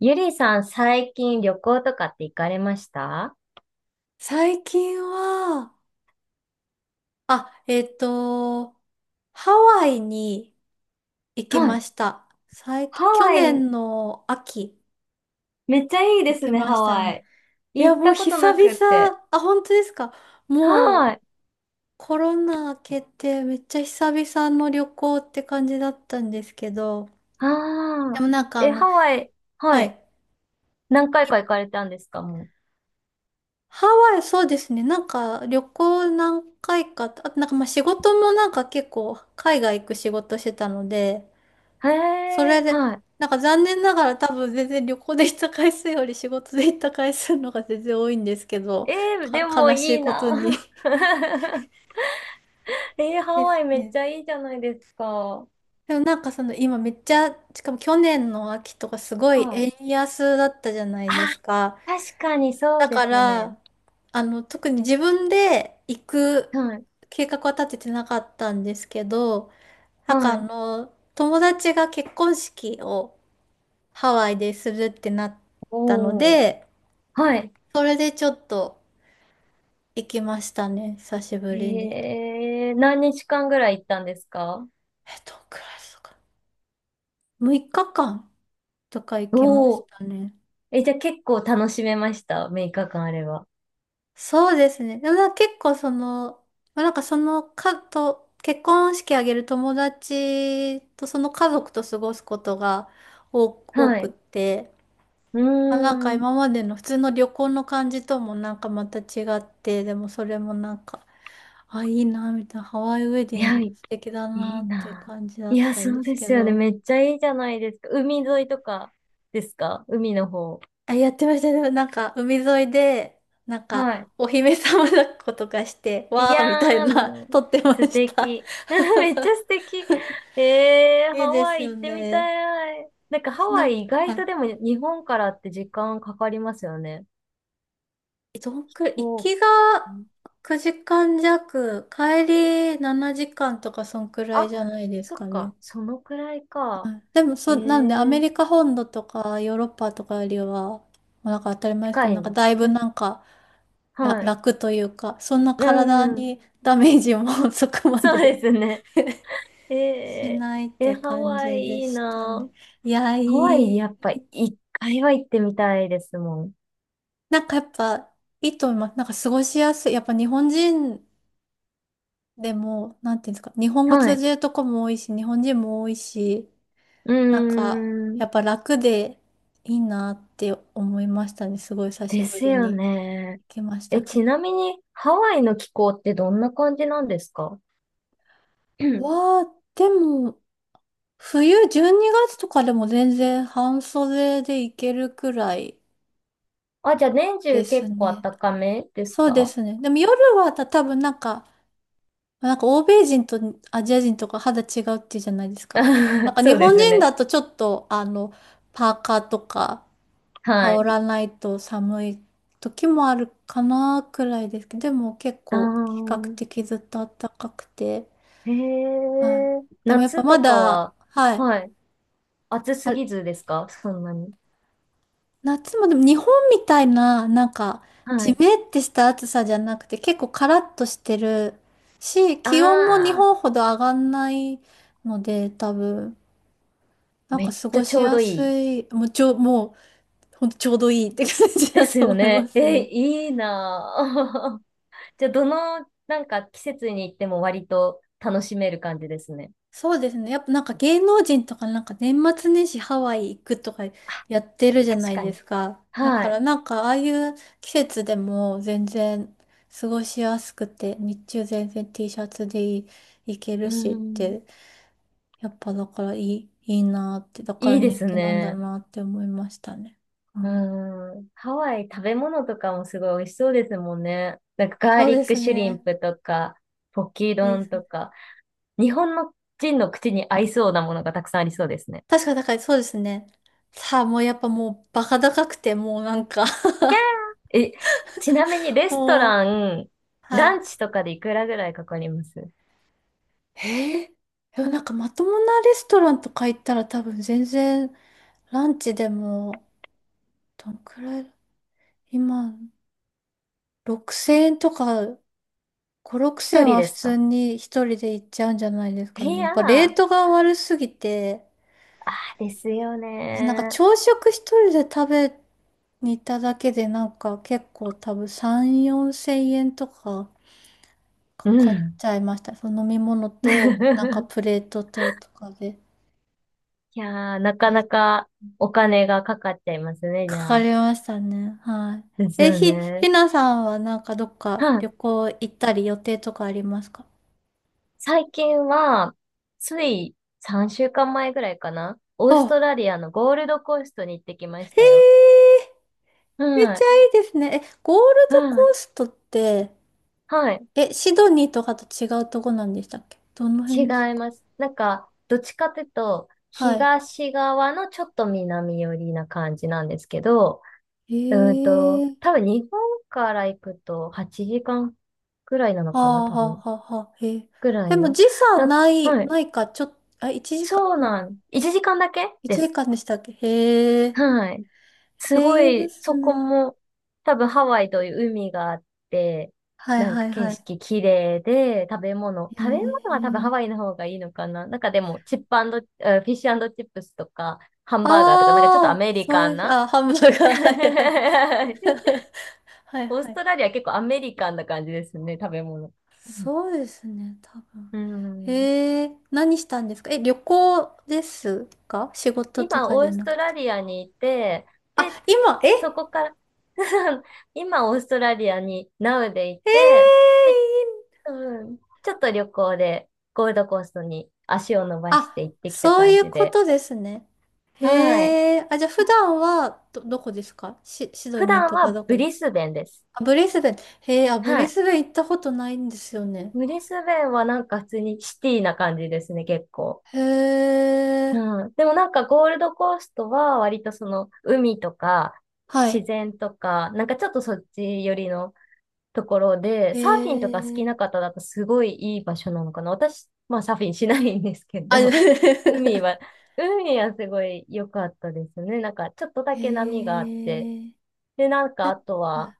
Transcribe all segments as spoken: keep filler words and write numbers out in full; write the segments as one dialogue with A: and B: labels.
A: ゆりさん、最近旅行とかって行かれました？
B: 最近は、あ、えっと、ハワイに行き
A: は
B: ま
A: い。
B: した。最
A: ハ
B: 近、去
A: ワイ、
B: 年の秋、
A: めっちゃいいで
B: 行
A: す
B: き
A: ね、
B: ま
A: ハ
B: した
A: ワ
B: ね。
A: イ。
B: いや、
A: 行っ
B: もう
A: たこと
B: 久
A: なくって。
B: 々、あ、本当ですか？も
A: は
B: う
A: い。
B: コロナ明けてめっちゃ久々の旅行って感じだったんですけど、
A: あ
B: で
A: あ。
B: もなんかあ
A: え、
B: の、
A: ハワイ、は
B: は
A: い。
B: い。
A: 何回か
B: い
A: 行かれたんですか、も
B: ハワイ、そうですね。なんか旅行何回か、あとなんかまあ仕事もなんか結構海外行く仕事してたので、
A: う。へ
B: そ
A: え、
B: れで、
A: は
B: なんか残念ながら多分全然旅行で行った回数より仕事で行った回数の方が全然多いんですけど、
A: い。えー、で
B: か、
A: も
B: 悲し
A: い
B: い
A: い
B: こ
A: な。
B: とに
A: えー、ハ
B: で
A: ワ
B: す
A: イめっ
B: ね。
A: ちゃいいじゃないですか。
B: でもなんかその今めっちゃ、しかも去年の秋とかすごい
A: はい。
B: 円安だったじゃない
A: あ、
B: ですか。
A: 確かにそう
B: だ
A: で
B: か
A: すね。
B: ら、あの、特に自分で行く
A: はい。
B: 計画は立ててなかったんですけど、なんか
A: は
B: あ
A: い。
B: の、友達が結婚式をハワイでするってなったの
A: おー。
B: で、
A: はい。
B: それでちょっと行きましたね。久しぶりに。
A: へえ、何日間ぐらい行ったんですか？
B: えっ、クラスか？むいかかんとか行きま
A: お
B: し
A: おー。
B: たね。
A: え、じゃあ結構楽しめました。ろっかか間あれば。
B: そうですね。でもなんか結構その、まあなんかそのかと、結婚式あげる友達とその家族と過ごすことが多、多
A: は
B: くっ
A: い。
B: て、
A: う
B: まあ、なんか
A: ーん。
B: 今までの普通の旅行の感じともなんかまた違って、でもそれもなんか、あ、いいな、みたいな、ハワイウェデ
A: い
B: ィン
A: や、
B: グ
A: い
B: 素敵だ
A: い
B: な
A: い
B: っていう
A: な。
B: 感じだ
A: い
B: っ
A: や、
B: たん
A: そ
B: で
A: う
B: す
A: で
B: け
A: すよね。
B: ど、
A: めっちゃいいじゃないですか。海沿いとかですか、海の方。
B: あ、やってましたね。でもなんか、海沿いで、なんか、
A: は
B: お姫様抱っことかして、
A: い。い
B: わーみたい
A: やー、
B: な、
A: もう
B: 撮ってま
A: 素
B: した。
A: 敵。めっちゃ素敵。ええ、ハ
B: いいで
A: ワ
B: す
A: イ
B: よ
A: 行ってみ
B: ね。
A: たい。なんかハ
B: な
A: ワ
B: んか、
A: イ意
B: は
A: 外
B: い、
A: とでも日本からって時間かかりますよね。
B: えどんくらい、行
A: そ
B: きが
A: う。
B: くじかん弱、帰りしちじかんとか、そんくらい
A: あ、
B: じゃないです
A: そ
B: か
A: っ
B: ね。
A: か、そのくらいか。
B: はい、でも、そ
A: え
B: う、なんで、アメ
A: え、
B: リカ本土とか、ヨーロッパとかよりは、まあなんか当たり前ですけ
A: 近
B: ど、
A: い
B: なん
A: ん
B: か
A: で
B: だい
A: す
B: ぶ
A: ね。
B: なんか、ら、
A: はい。
B: 楽というか、そんな
A: う
B: 体
A: ん、
B: にダメージも そこま
A: そうで
B: で
A: すね。え
B: し
A: え、
B: ないっ
A: え
B: て
A: ハ
B: 感
A: ワイ
B: じで
A: いい
B: したね。
A: な。
B: いや、い
A: ハワイ
B: い。
A: やっぱ一回は行ってみたいですもん。
B: なんかやっぱ、いいと思います。なんか過ごしやすい。やっぱ日本人でも、なんていうんですか、日本語
A: は
B: 通
A: い。
B: じるとこも多いし、日本人も多いし、
A: うー
B: なんか、
A: ん、
B: やっぱ楽でいいなって思いましたね。すごい久し
A: で
B: ぶ
A: す
B: り
A: よ
B: に
A: ね。
B: 行きました
A: え、
B: け
A: ち
B: ど。
A: なみにハワイの気候ってどんな感じなんですか？うん。
B: わあ、でも、冬じゅうにがつとかでも全然半袖でいけるくらい
A: あ、じゃあ年
B: で
A: 中
B: す
A: 結構
B: ね。
A: 暖かめです
B: そうで
A: か？
B: すね。でも夜はた多分なんか、なんか欧米人とアジア人とか肌違うっていうじゃないですか。なん か日
A: そうで
B: 本
A: す
B: 人
A: ね。
B: だとちょっとあの、パーカーとか羽
A: はい。
B: 織らないと寒い時もあるかなくらいですけど、でも結
A: あ
B: 構比較
A: ー。
B: 的ずっと暖かくて、
A: へ
B: はい。
A: え、
B: でもやっぱ
A: 夏
B: ま
A: とか
B: だ、
A: は、
B: はい。
A: はい。暑す
B: あ、
A: ぎずですか、そんなに。
B: 夏もでも日本みたいな、なんか、
A: は
B: ジ
A: い。
B: メってした暑さじゃなくて、結構カラッとしてるし、気温も日
A: ああ、
B: 本ほど上がんないので、多分、なん
A: め
B: か
A: っ
B: 過
A: ちゃ
B: ご
A: ち
B: し
A: ょう
B: や
A: どい
B: す
A: い。
B: い、もうちょ、もう、ほんとちょうどいいって感じ
A: で
B: だ
A: す
B: と
A: よ
B: 思いま
A: ね。
B: す
A: え、
B: ね。
A: いいなぁ。じゃあ、どの、なんか季節に行っても割と楽しめる感じですね。
B: そうですね。やっぱなんか芸能人とかなんか年末年始ハワイ行くとかやってるじゃな
A: 確
B: い
A: か
B: で
A: に。
B: すか。だ
A: は
B: から
A: い。
B: なんかああいう季節でも全然過ごしやすくて、日中全然 T シャツでい行ける
A: う
B: しっ
A: ん。
B: て、やっぱだからいい、いいなって、だから
A: いいで
B: 人
A: す
B: 気なんだ
A: ね。
B: なって思いましたね。う
A: う
B: ん、
A: ん。ハワイ食べ物とかもすごい美味しそうですもんね。なんかガー
B: そう
A: リ
B: で
A: ック
B: す
A: シュリン
B: ね。
A: プとか、ポキ
B: そうで
A: 丼
B: すね。
A: とか。日本の人の口に合いそうなものがたくさんありそうですね。
B: 確かだからそうですね。さあもうやっぱもうバカ高くてもうなんか
A: え、ちなみに レスト
B: もう、
A: ラン、
B: は
A: ラ
B: い。
A: ンチとかでいくらぐらいかかります？
B: へえ。でもなんかまともなレストランとか行ったら多分全然ランチでもどんくらい今ろくせんえんとかご、6000
A: 一
B: 円
A: 人
B: は
A: で
B: 普
A: す
B: 通
A: か？
B: に一人で行っちゃうんじゃないです
A: い
B: かね。やっ
A: や
B: ぱレー
A: ー、
B: トが悪すぎて、
A: ですよ
B: なんか
A: ね
B: 朝食一人で食べに行っただけでなんか結構多分さん、よんせんえんとかか
A: ー。う
B: かっ
A: ん。
B: ちゃいました。その飲み物となんか プレートととかで。
A: いやー、なかなかお金がかかっちゃいますね、じ
B: かか
A: ゃあ。
B: りましたね。は
A: で
B: い。
A: す
B: え、
A: よ
B: ひ、
A: ね。
B: ひなさんはなんかどっか
A: は
B: 旅
A: い。
B: 行行ったり予定とかありますか？
A: 最近は、ついさんしゅうかんまえぐらいかな。オースト
B: あ、
A: ラリアのゴールドコーストに行ってきまし
B: へ
A: たよ。
B: え、めっ
A: は
B: ちゃ
A: い。
B: いいですね。え、ゴールド
A: は
B: コ
A: い。
B: ーストって、
A: はい。
B: え、シドニーとかと違うとこなんでしたっけ？どの
A: 違
B: 辺です
A: い
B: か？
A: ます。なんか、どっちかというと、
B: は
A: 東側のちょっと南寄りな感じなんですけど、
B: い。
A: うーん
B: へ
A: と、
B: え、
A: 多分日本から行くとはちじかんぐらいなの
B: は
A: かな、
B: あ
A: 多
B: は
A: 分。
B: あはあはあ、へえ。
A: ぐら
B: で
A: い
B: も
A: の。
B: 時差
A: なんか、
B: ない、
A: はい。
B: ないか、ちょっと、あ、1時
A: そう
B: 間、ん、
A: なん。いちじかんだけで
B: 1
A: す。
B: 時間でしたっけ？へえ、
A: はい。すご
B: え、いいで
A: い、
B: す
A: そこ
B: ね。
A: も、多分ハワイという海があって、
B: はい
A: なん
B: は
A: か
B: い
A: 景
B: はい。
A: 色綺麗で、食べ物、
B: へ
A: 食べ物は多分ハ
B: え。
A: ワイの方がいいのかな。なんかでも、チップアンド、えーフィッシュチップスとか、ハンバーガーとか、なんかちょっと
B: あ
A: ア
B: あ、
A: メリ
B: そ
A: カ
B: うい
A: ン
B: う、
A: な。
B: あ、ハンバー ガー、はい
A: オー
B: はい。はいは
A: ス
B: い。
A: トラリア結構アメリカンな感じですね、食べ物。うん。
B: そうですね、多分。えー、何したんですか？え、旅行ですか？仕事と
A: 今、
B: か
A: オ
B: じゃ
A: ース
B: なく
A: ト
B: て。
A: ラリアにいて、
B: あ、
A: で、
B: 今、え、
A: そ
B: え
A: こから 今、オーストラリアに Now でい
B: ー、いい、
A: て、で、うん。ちょっと旅行でゴールドコーストに足を伸ばし
B: あ、
A: て行ってきた
B: そう
A: 感
B: いう
A: じ
B: こ
A: で。
B: とですね。
A: はい。
B: へえ、あ、じゃあ普段はど、どこですか？シ、シド
A: 普
B: ニー
A: 段
B: とか
A: は
B: どこ？
A: ブリスベンです。
B: あ、ブリスベン。へえ、あ、ブ
A: は
B: リ
A: い。
B: スベン行ったことないんですよね。
A: ブリスベンはなんか普通にシティな感じですね、結構。
B: へえ、
A: うん。でもなんかゴールドコーストは割とその海とか
B: は
A: 自
B: い。
A: 然とか、なんかちょっとそっち寄りのところで、
B: へ
A: サーフィンとか好きな
B: え。
A: 方だとすごいいい場所なのかな。私、まあサーフィンしないんですけ
B: あ、
A: ど、海は、海はすごい良かったですね。なんかちょっとだ
B: へ
A: け波があって、
B: え。
A: で、なんかあと
B: あ
A: は、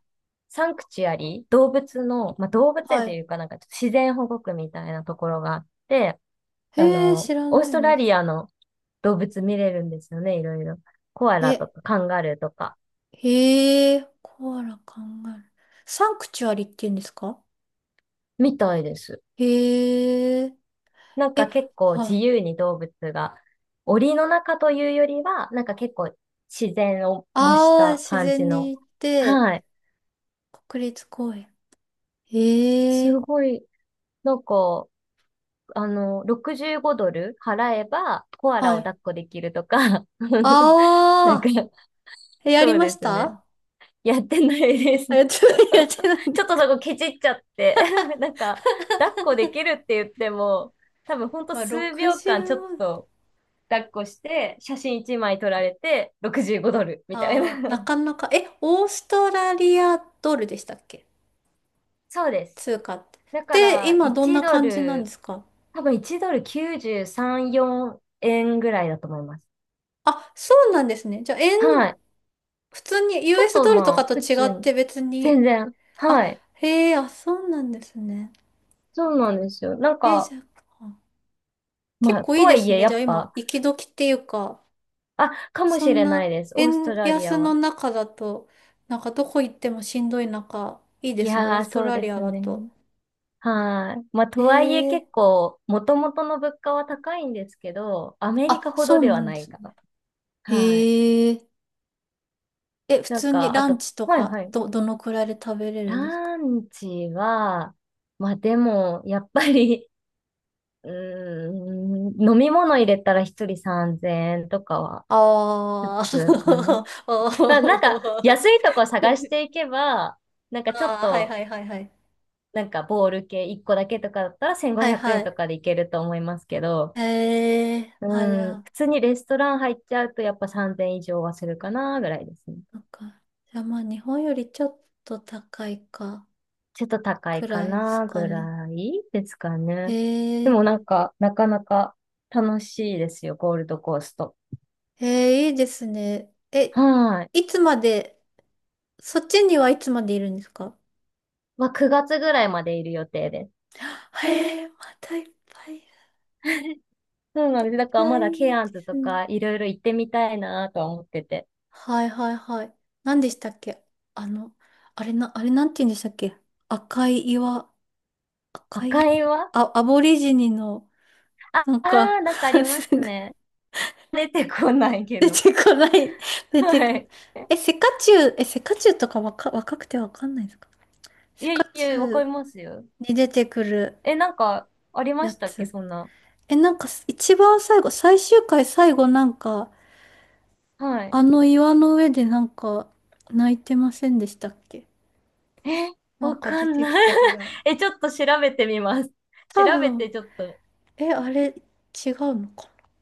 A: サンクチュアリ、動物の、まあ、動物
B: は
A: 園
B: い。
A: と
B: は
A: い
B: い、
A: うか、なんかちょっと自然保護区みたいなところがあって、あ
B: へえ、知
A: の、
B: ら
A: オー
B: な
A: ス
B: い
A: トラ
B: です。
A: リアの動物見れるんですよね、いろいろ。コア
B: え、
A: ラとかカンガルーとか、
B: へえ、コアラ、カンガルー。サンクチュアリって言うんですか？
A: みたいです。
B: へえ、
A: なんか
B: え、
A: 結構
B: は
A: 自
B: い。
A: 由に動物が、檻の中というよりは、なんか結構自然を模し
B: ああ、
A: た
B: 自
A: 感じ
B: 然に
A: の。
B: 行って、
A: はい。
B: 国立公園。へ
A: す
B: え、
A: ごい、なんか、あの、ろくじゅうごドル払えばコアラ
B: は
A: を抱
B: い。
A: っこできるとか、なんか、
B: ああ、えやり
A: そう
B: ま
A: で
B: し
A: すね。
B: た？
A: やってないです。
B: あ、やってない、やってない ん
A: ち
B: だ
A: ょっと
B: か。
A: そこケチっちゃって なんか、抱っこできるって言っても、多分ほんと
B: まあ、
A: 数秒
B: ろくじゅうご。
A: 間ちょっと抱っこして、写真いちまい撮られて、ろくじゅうごドルみたい
B: ああ、な
A: な。
B: かなか。え、オーストラリアドルでしたっけ？
A: そうです。
B: 通貨っ
A: だか
B: て。で、
A: ら、
B: 今どん
A: いち
B: な
A: ド
B: 感じなんで
A: ル、
B: すか？
A: 多分いちドルきゅうじゅうさん、よえんぐらいだと思います。
B: あ、そうなんですね。じゃあ、円、
A: はい。
B: 普通に
A: ちょっ
B: ユーエス
A: と
B: ドルと
A: ま
B: か
A: あ、
B: と
A: 普
B: 違
A: 通
B: っ
A: に。
B: て別
A: 全
B: に。
A: 然。
B: あ、
A: はい。
B: へえ、あ、そうなんですね。
A: そうなんですよ。なん
B: え、
A: か、
B: じゃあ、結
A: まあ、
B: 構
A: と
B: いい
A: は
B: で
A: い
B: す
A: え、
B: ね。
A: や
B: じゃあ
A: っ
B: 今、
A: ぱ、
B: 行き時っていうか、
A: あ、かも
B: そ
A: し
B: ん
A: れな
B: な
A: いです。オースト
B: 円
A: ラリ
B: 安
A: ア
B: の
A: は。
B: 中だと、なんかどこ行ってもしんどい中、いいで
A: い
B: すね。オー
A: やー、
B: スト
A: そう
B: ラ
A: で
B: リア
A: す
B: だ
A: ね。
B: と。
A: はい。まあ、と
B: へ
A: はいえ
B: え、
A: 結構、もともとの物価は高いんですけど、アメリカ
B: あ、
A: ほ
B: そ
A: どで
B: うな
A: は
B: ん
A: な
B: で
A: い
B: す
A: か
B: ね。
A: な。はい。
B: へえ、え、普
A: なん
B: 通に
A: か、あ
B: ラン
A: と、
B: チと
A: はいは
B: か、
A: い。
B: ど、どのくらいで食べれるんですか？
A: ランチは、まあでも、やっぱり、うーん、飲み物入れたら一人さんぜんえんとかは普
B: あ
A: 通かな。
B: ー お
A: まあなんか、
B: ー
A: 安いとこ探し ていけば、なんかちょっ
B: あー、はい
A: と、
B: はいはいはい。
A: なんかボール系いっこだけとかだったら
B: は
A: 1500
B: いは
A: 円と
B: い。
A: かでいけると思いますけど、
B: へえ、あ、じゃ
A: うん、
B: あ、
A: 普通にレストラン入っちゃうとやっぱさんぜん以上はするかな、ぐらいですね。
B: なんか、じゃあまあ日本よりちょっと高いか、
A: ちょっと高
B: く
A: いか
B: らいです
A: な
B: か
A: ぐ
B: ね。
A: らいですかね。
B: へ
A: で
B: え、
A: もなんか、なかなか楽しいですよ、ゴールドコースト。
B: へえ、いいですね。え、
A: はい。
B: いつまで、そっちにはいつまでいるんですか？
A: まあ、くがつぐらいまでいる予定です。
B: へえ、またいっぱい。い
A: そうなんです。だから
B: や、
A: ま
B: い
A: だケ
B: い
A: ア
B: で
A: ンズ
B: す
A: と
B: ね。
A: かいろいろ行ってみたいなとは思ってて。
B: はいはいはい。何でしたっけ？あの、あれな、あれなんて言うんでしたっけ？赤い岩、赤
A: 赤
B: い、
A: いは、
B: あ、アボリジニの、
A: あ
B: なん
A: あ
B: か
A: ー、なんかあり ま
B: す
A: す
B: ぐ
A: ね。出てこないけ
B: 出
A: ど。
B: てこない、出て
A: は
B: こない。
A: い。
B: え、セカチュウ、え、セカチュウとか若、若くてわかんないですか？
A: い
B: セ
A: や
B: カ
A: い
B: チュ
A: や、わか
B: ウ
A: りますよ。
B: に出てくる
A: え、なんかありま
B: や
A: したっけ、
B: つ。
A: そんな。
B: え、なんか一番最後、最終回最後なんか、
A: はい。
B: あの岩の上でなんか泣いてませんでしたっけ？
A: え、
B: なん
A: わ
B: か
A: か
B: 出
A: ん
B: て
A: な
B: き
A: い。
B: た気が。
A: え、ちょっと調べてみます。調
B: 多
A: べ
B: 分、
A: てちょっと
B: え、あれ、違うのか